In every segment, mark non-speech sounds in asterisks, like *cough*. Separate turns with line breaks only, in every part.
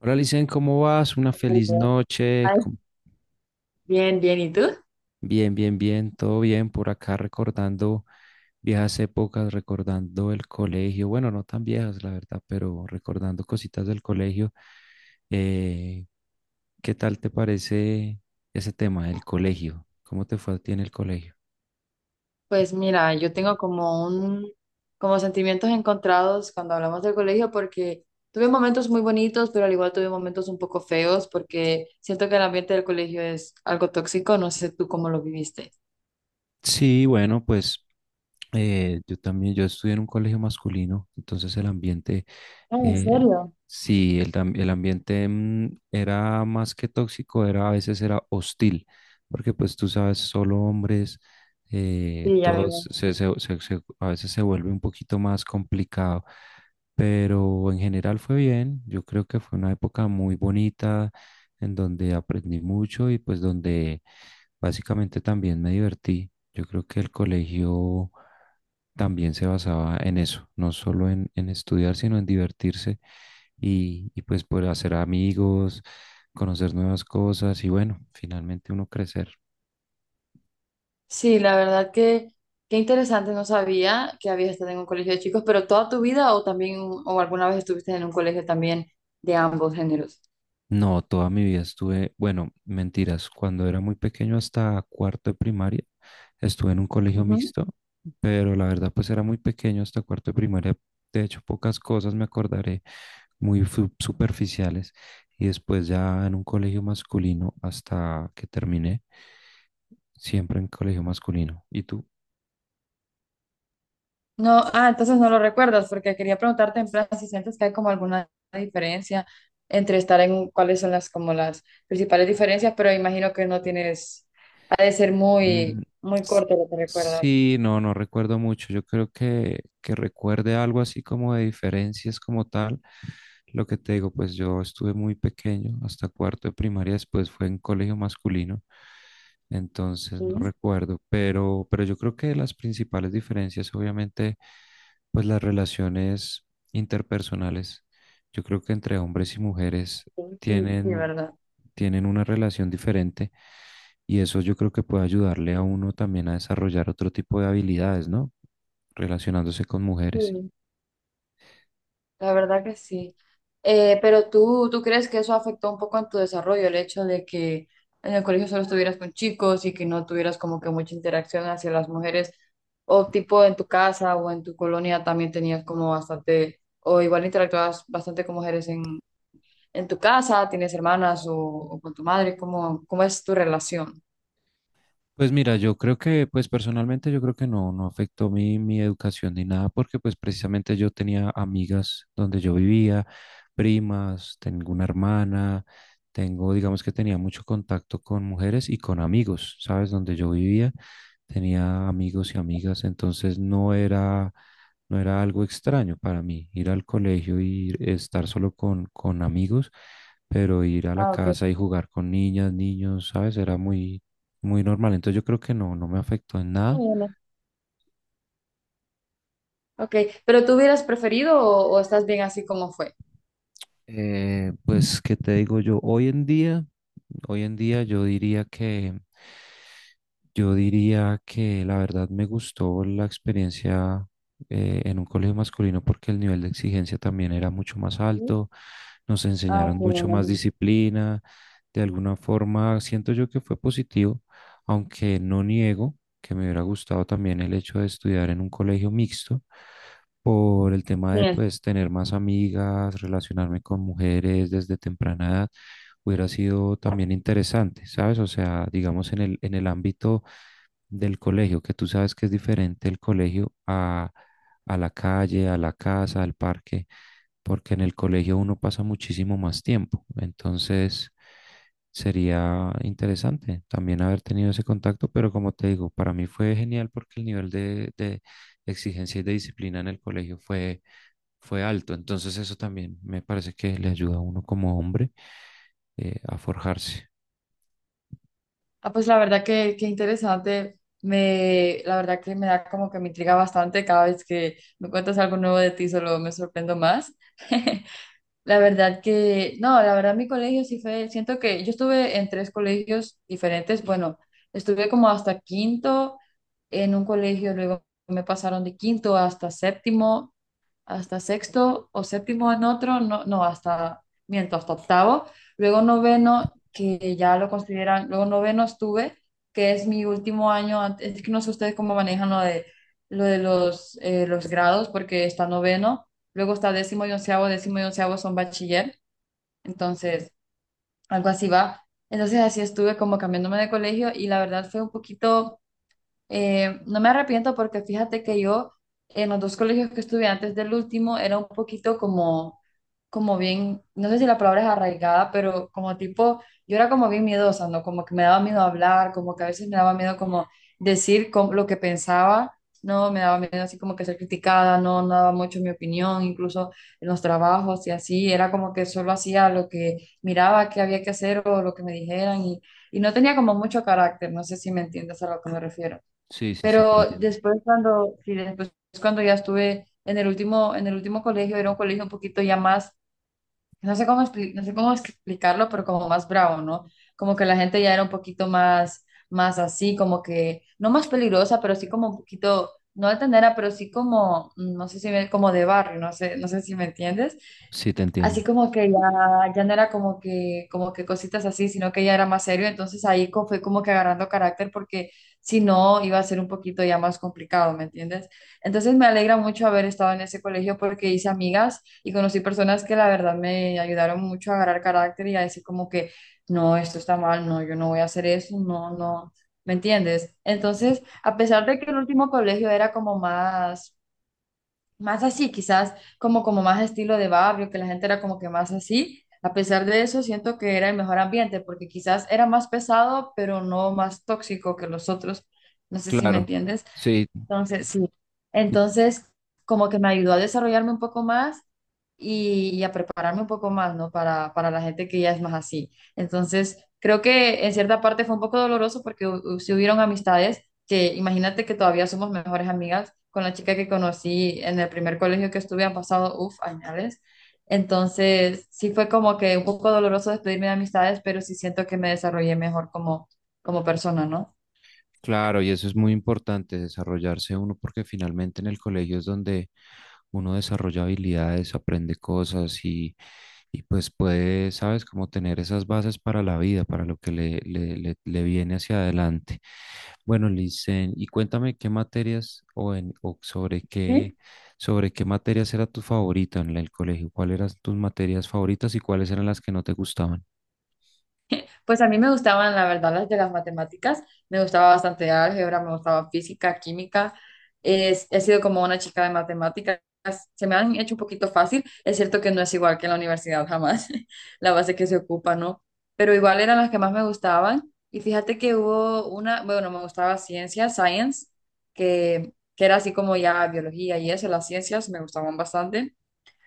Hola, Licen, ¿cómo vas? Una feliz noche.
Ay, bien, bien, ¿y tú?
Bien, bien, bien, todo bien por acá recordando viejas épocas, recordando el colegio. Bueno, no tan viejas, la verdad, pero recordando cositas del colegio. Eh, ¿Qué tal te parece ese tema, el colegio? ¿Cómo te fue a ti en el colegio?
Pues mira, yo tengo como un, como sentimientos encontrados cuando hablamos del colegio porque tuve momentos muy bonitos, pero al igual tuve momentos un poco feos porque siento que el ambiente del colegio es algo tóxico, no sé tú cómo lo viviste.
Sí, bueno, pues yo también, yo estudié en un colegio masculino, entonces el ambiente,
Ah, ¿en
eh,
serio?
sí, el ambiente era más que tóxico, era a veces era hostil, porque pues tú sabes, solo hombres,
Sí, ya me
todos,
imagino.
a veces se vuelve un poquito más complicado, pero en general fue bien, yo creo que fue una época muy bonita en donde aprendí mucho y pues donde básicamente también me divertí. Yo creo que el colegio también se basaba en eso, no solo en estudiar, sino en divertirse y pues poder hacer amigos, conocer nuevas cosas y bueno, finalmente uno crecer.
Sí, la verdad que qué interesante, no sabía que habías estado en un colegio de chicos, pero toda tu vida o también o alguna vez estuviste en un colegio también de ambos géneros.
No, toda mi vida estuve, bueno, mentiras, cuando era muy pequeño hasta cuarto de primaria, estuve en un colegio mixto, pero la verdad pues era muy pequeño hasta cuarto de primaria, de hecho pocas cosas me acordaré muy superficiales y después ya en un colegio masculino hasta que terminé, siempre en colegio masculino. ¿Y tú?
No, ah, entonces no lo recuerdas, porque quería preguntarte en plan si sientes que hay como alguna diferencia entre estar en cuáles son las como las principales diferencias, pero imagino que no tienes, ha de ser
Mm,
muy, muy
s-
corto lo que recuerdas.
sí, no, no recuerdo mucho. Yo creo que recuerde algo así como de diferencias como tal. Lo que te digo, pues yo estuve muy pequeño, hasta cuarto de primaria, después fue en colegio masculino, entonces no
Sí,
recuerdo, pero yo creo que las principales diferencias, obviamente, pues las relaciones interpersonales, yo creo que entre hombres y mujeres
sí, sí, sí,
tienen,
¿verdad?
tienen una relación diferente y eso yo creo que puede ayudarle a uno también a desarrollar otro tipo de habilidades, ¿no? Relacionándose con mujeres.
Sí. La verdad que sí. Pero tú, ¿tú crees que eso afectó un poco en tu desarrollo, el hecho de que en el colegio solo estuvieras con chicos y que no tuvieras como que mucha interacción hacia las mujeres? O tipo en tu casa o en tu colonia también tenías como bastante, o igual interactuabas bastante con mujeres en tu casa, tienes hermanas o con tu madre, ¿cómo, cómo es tu relación?
Pues mira, yo creo que, pues personalmente yo creo que no, no afectó mi educación ni nada, porque pues precisamente yo tenía amigas donde yo vivía, primas, tengo una hermana, tengo, digamos que tenía mucho contacto con mujeres y con amigos, ¿sabes? Donde yo vivía, tenía amigos y amigas, entonces no era, no era algo extraño para mí ir al colegio y estar solo con amigos, pero ir a la
Ah, ok.
casa y jugar con niñas, niños, ¿sabes? Era muy normal. Entonces yo creo que no, no me afectó en
Muy
nada.
bien. Ok, pero ¿tú hubieras preferido o estás bien así como fue?
Pues, ¿qué te digo yo? Hoy en día yo diría yo diría que la verdad me gustó la experiencia en un colegio masculino porque el nivel de exigencia también era mucho más
Sí.
alto, nos
Ah,
enseñaron
sí, me
mucho más
imagino.
disciplina, de alguna forma siento yo que fue positivo, aunque no niego que me hubiera gustado también el hecho de estudiar en un colegio mixto por el tema de
Sí.
pues tener más amigas, relacionarme con mujeres desde temprana edad, hubiera sido también interesante, ¿sabes? O sea, digamos en el ámbito del colegio, que tú sabes que es diferente el colegio a la calle, a la casa, al parque, porque en el colegio uno pasa muchísimo más tiempo. Entonces, sería interesante también haber tenido ese contacto, pero como te digo, para mí fue genial porque el nivel de exigencia y de disciplina en el colegio fue alto. Entonces eso también me parece que le ayuda a uno como hombre a forjarse.
Ah, pues la verdad que interesante. Me, la verdad que me da como que me intriga bastante cada vez que me cuentas algo nuevo de ti, solo me sorprendo más. *laughs* La verdad que, no, la verdad mi colegio sí fue, siento que yo estuve en tres colegios diferentes. Bueno, estuve como hasta quinto en un colegio, luego me pasaron de quinto hasta séptimo hasta sexto o séptimo en otro, no, no, hasta, miento, hasta octavo, luego noveno, que ya lo consideran, luego noveno estuve, que es mi último año, es que no sé ustedes cómo manejan lo de los grados, porque está noveno, luego está décimo y onceavo son bachiller, entonces algo así va. Entonces así estuve como cambiándome de colegio y la verdad fue un poquito no me arrepiento porque fíjate que yo en los dos colegios que estuve antes del último era un poquito como, como bien, no sé si la palabra es arraigada, pero como tipo, yo era como bien miedosa, ¿no? Como que me daba miedo hablar, como que a veces me daba miedo como lo que pensaba, ¿no? Me daba miedo así como que ser criticada, no, no daba mucho mi opinión, incluso en los trabajos y así, era como que solo hacía lo que miraba que había que hacer o lo que me dijeran y no tenía como mucho carácter, no sé si me entiendes a lo que me refiero.
Sí, sí, sí, te
Pero
entiendo.
después cuando, sí, después cuando ya estuve en el último colegio, era un colegio un poquito ya más, no sé cómo, no sé cómo explicarlo, pero como más bravo, ¿no? Como que la gente ya era un poquito más, más así, como que, no más peligrosa, pero sí como un poquito, no altanera, pero sí como, no sé si me, como de barrio, no sé, no sé si me entiendes.
Sí, te entiendo.
Así como que ya, ya no era como que cositas así, sino que ya era más serio. Entonces fue como que agarrando carácter porque si no iba a ser un poquito ya más complicado, ¿me entiendes? Entonces me alegra mucho haber estado en ese colegio porque hice amigas y conocí personas que la verdad me ayudaron mucho a agarrar carácter y a decir como que, no, esto está mal, no, yo no voy a hacer eso, no, no, ¿me entiendes? Entonces, a pesar de que el último colegio era como más más así, quizás como, como más estilo de barrio, que la gente era como que más así. A pesar de eso, siento que era el mejor ambiente, porque quizás era más pesado, pero no más tóxico que los otros. No sé si me
Claro.
entiendes.
Sí.
Entonces, sí. Entonces, como que me ayudó a desarrollarme un poco más y a prepararme un poco más, ¿no? Para la gente que ya es más así. Entonces, creo que en cierta parte fue un poco doloroso porque si hubieron amistades que, imagínate que todavía somos mejores amigas con la chica que conocí en el primer colegio que estuve, han pasado, uff, añales. Entonces, sí fue como que un poco doloroso despedirme de amistades, pero sí siento que me desarrollé mejor como, como persona, ¿no?
Claro, y eso es muy importante, desarrollarse uno, porque finalmente en el colegio es donde uno desarrolla habilidades, aprende cosas y pues puede, sabes, como tener esas bases para la vida, para lo que le viene hacia adelante. Bueno, Licen, y cuéntame qué materias o, en, o sobre qué materias era tu favorita en el colegio, cuáles eran tus materias favoritas y cuáles eran las que no te gustaban.
Pues a mí me gustaban, la verdad, las de las matemáticas. Me gustaba bastante álgebra, me gustaba física, química. He sido como una chica de matemáticas. Se me han hecho un poquito fácil. Es cierto que no es igual que en la universidad jamás, *laughs* la base que se ocupa, ¿no? Pero igual eran las que más me gustaban. Y fíjate que hubo una, bueno, me gustaba ciencia, science, que era así como ya biología y eso, las ciencias me gustaban bastante.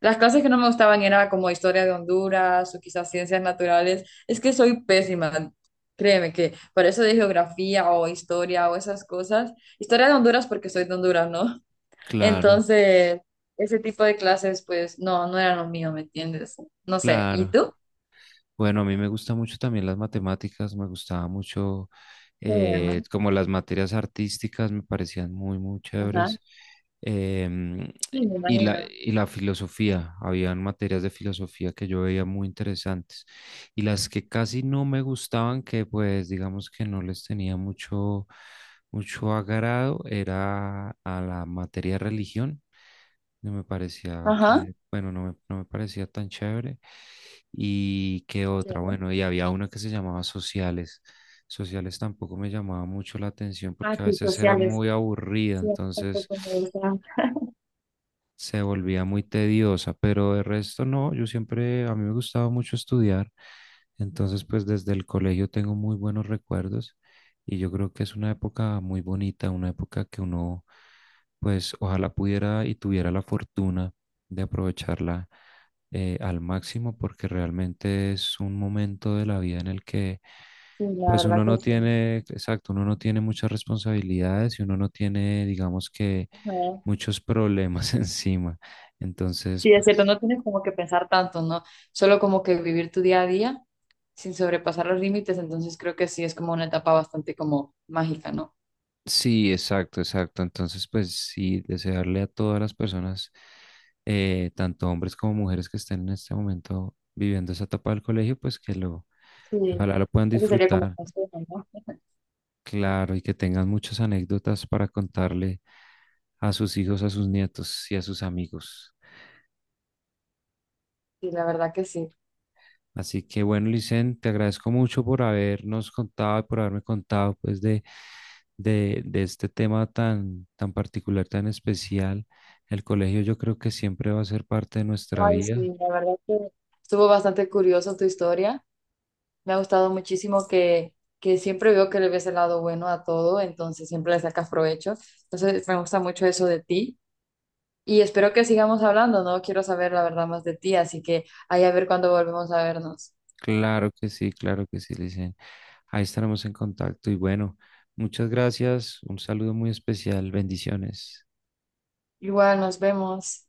Las clases que no me gustaban era como historia de Honduras o quizás ciencias naturales. Es que soy pésima, créeme que para eso de geografía o historia o esas cosas. Historia de Honduras porque soy de Honduras, ¿no? *laughs*
Claro,
Entonces, ese tipo de clases, pues no, no eran lo mío, ¿me entiendes? No sé. ¿Y
claro.
tú?
Bueno, a mí me gusta mucho también las matemáticas, me gustaba mucho
Qué bueno.
como las materias artísticas, me parecían muy, muy
Ajá.
chéveres. Em,
Sí, me
y
imagino.
y la filosofía, habían materias de filosofía que yo veía muy interesantes. Y las que casi no me gustaban, que pues digamos que no les tenía mucho agrado, era a la materia de religión. No me parecía
Ajá.
que, bueno, no me, no me parecía tan chévere. Y qué otra,
Sí.
bueno, y había una que se llamaba Sociales. Sociales tampoco me llamaba mucho la atención
Ah,
porque a
sí,
veces era
sociales.
muy aburrida,
Sí,
entonces
tampoco me gusta.
se volvía muy tediosa, pero de resto no, yo siempre, a mí me gustaba mucho estudiar, entonces pues desde el colegio tengo muy buenos recuerdos y yo creo que es una época muy bonita, una época que uno pues ojalá pudiera y tuviera la fortuna de aprovecharla al máximo porque realmente es un momento de la vida en el que
Sí, la
pues
verdad
uno
que
no
sí.
tiene, exacto, uno no tiene muchas responsabilidades y uno no tiene, digamos que muchos problemas *laughs* encima. Entonces,
Sí, es cierto,
pues
no tienes como que pensar tanto, ¿no? Solo como que vivir tu día a día sin sobrepasar los límites, entonces creo que sí es como una etapa bastante como mágica, ¿no?
sí, exacto, exacto. Entonces, pues sí, desearle a todas las personas, tanto hombres como mujeres que estén en este momento viviendo esa etapa del colegio, pues que lo,
Sí,
que ojalá lo puedan
eso sería como un
disfrutar,
consejo, ¿no?
claro, y que tengan muchas anécdotas para contarle a sus hijos, a sus nietos y a sus amigos.
Sí, la verdad que sí.
Así que bueno, Licen, te agradezco mucho por habernos contado y por haberme contado pues de este tema tan, tan particular, tan especial. El colegio yo creo que siempre va a ser parte de nuestra
Ay,
vida.
sí, la verdad que estuvo bastante curioso tu historia. Me ha gustado muchísimo que siempre veo que le ves el lado bueno a todo, entonces siempre le sacas provecho. Entonces me gusta mucho eso de ti y espero que sigamos hablando, ¿no? Quiero saber la verdad más de ti, así que ahí a ver cuándo volvemos a vernos.
Claro que sí, dicen. Ahí estaremos en contacto y bueno, muchas gracias. Un saludo muy especial. Bendiciones.
Igual nos vemos.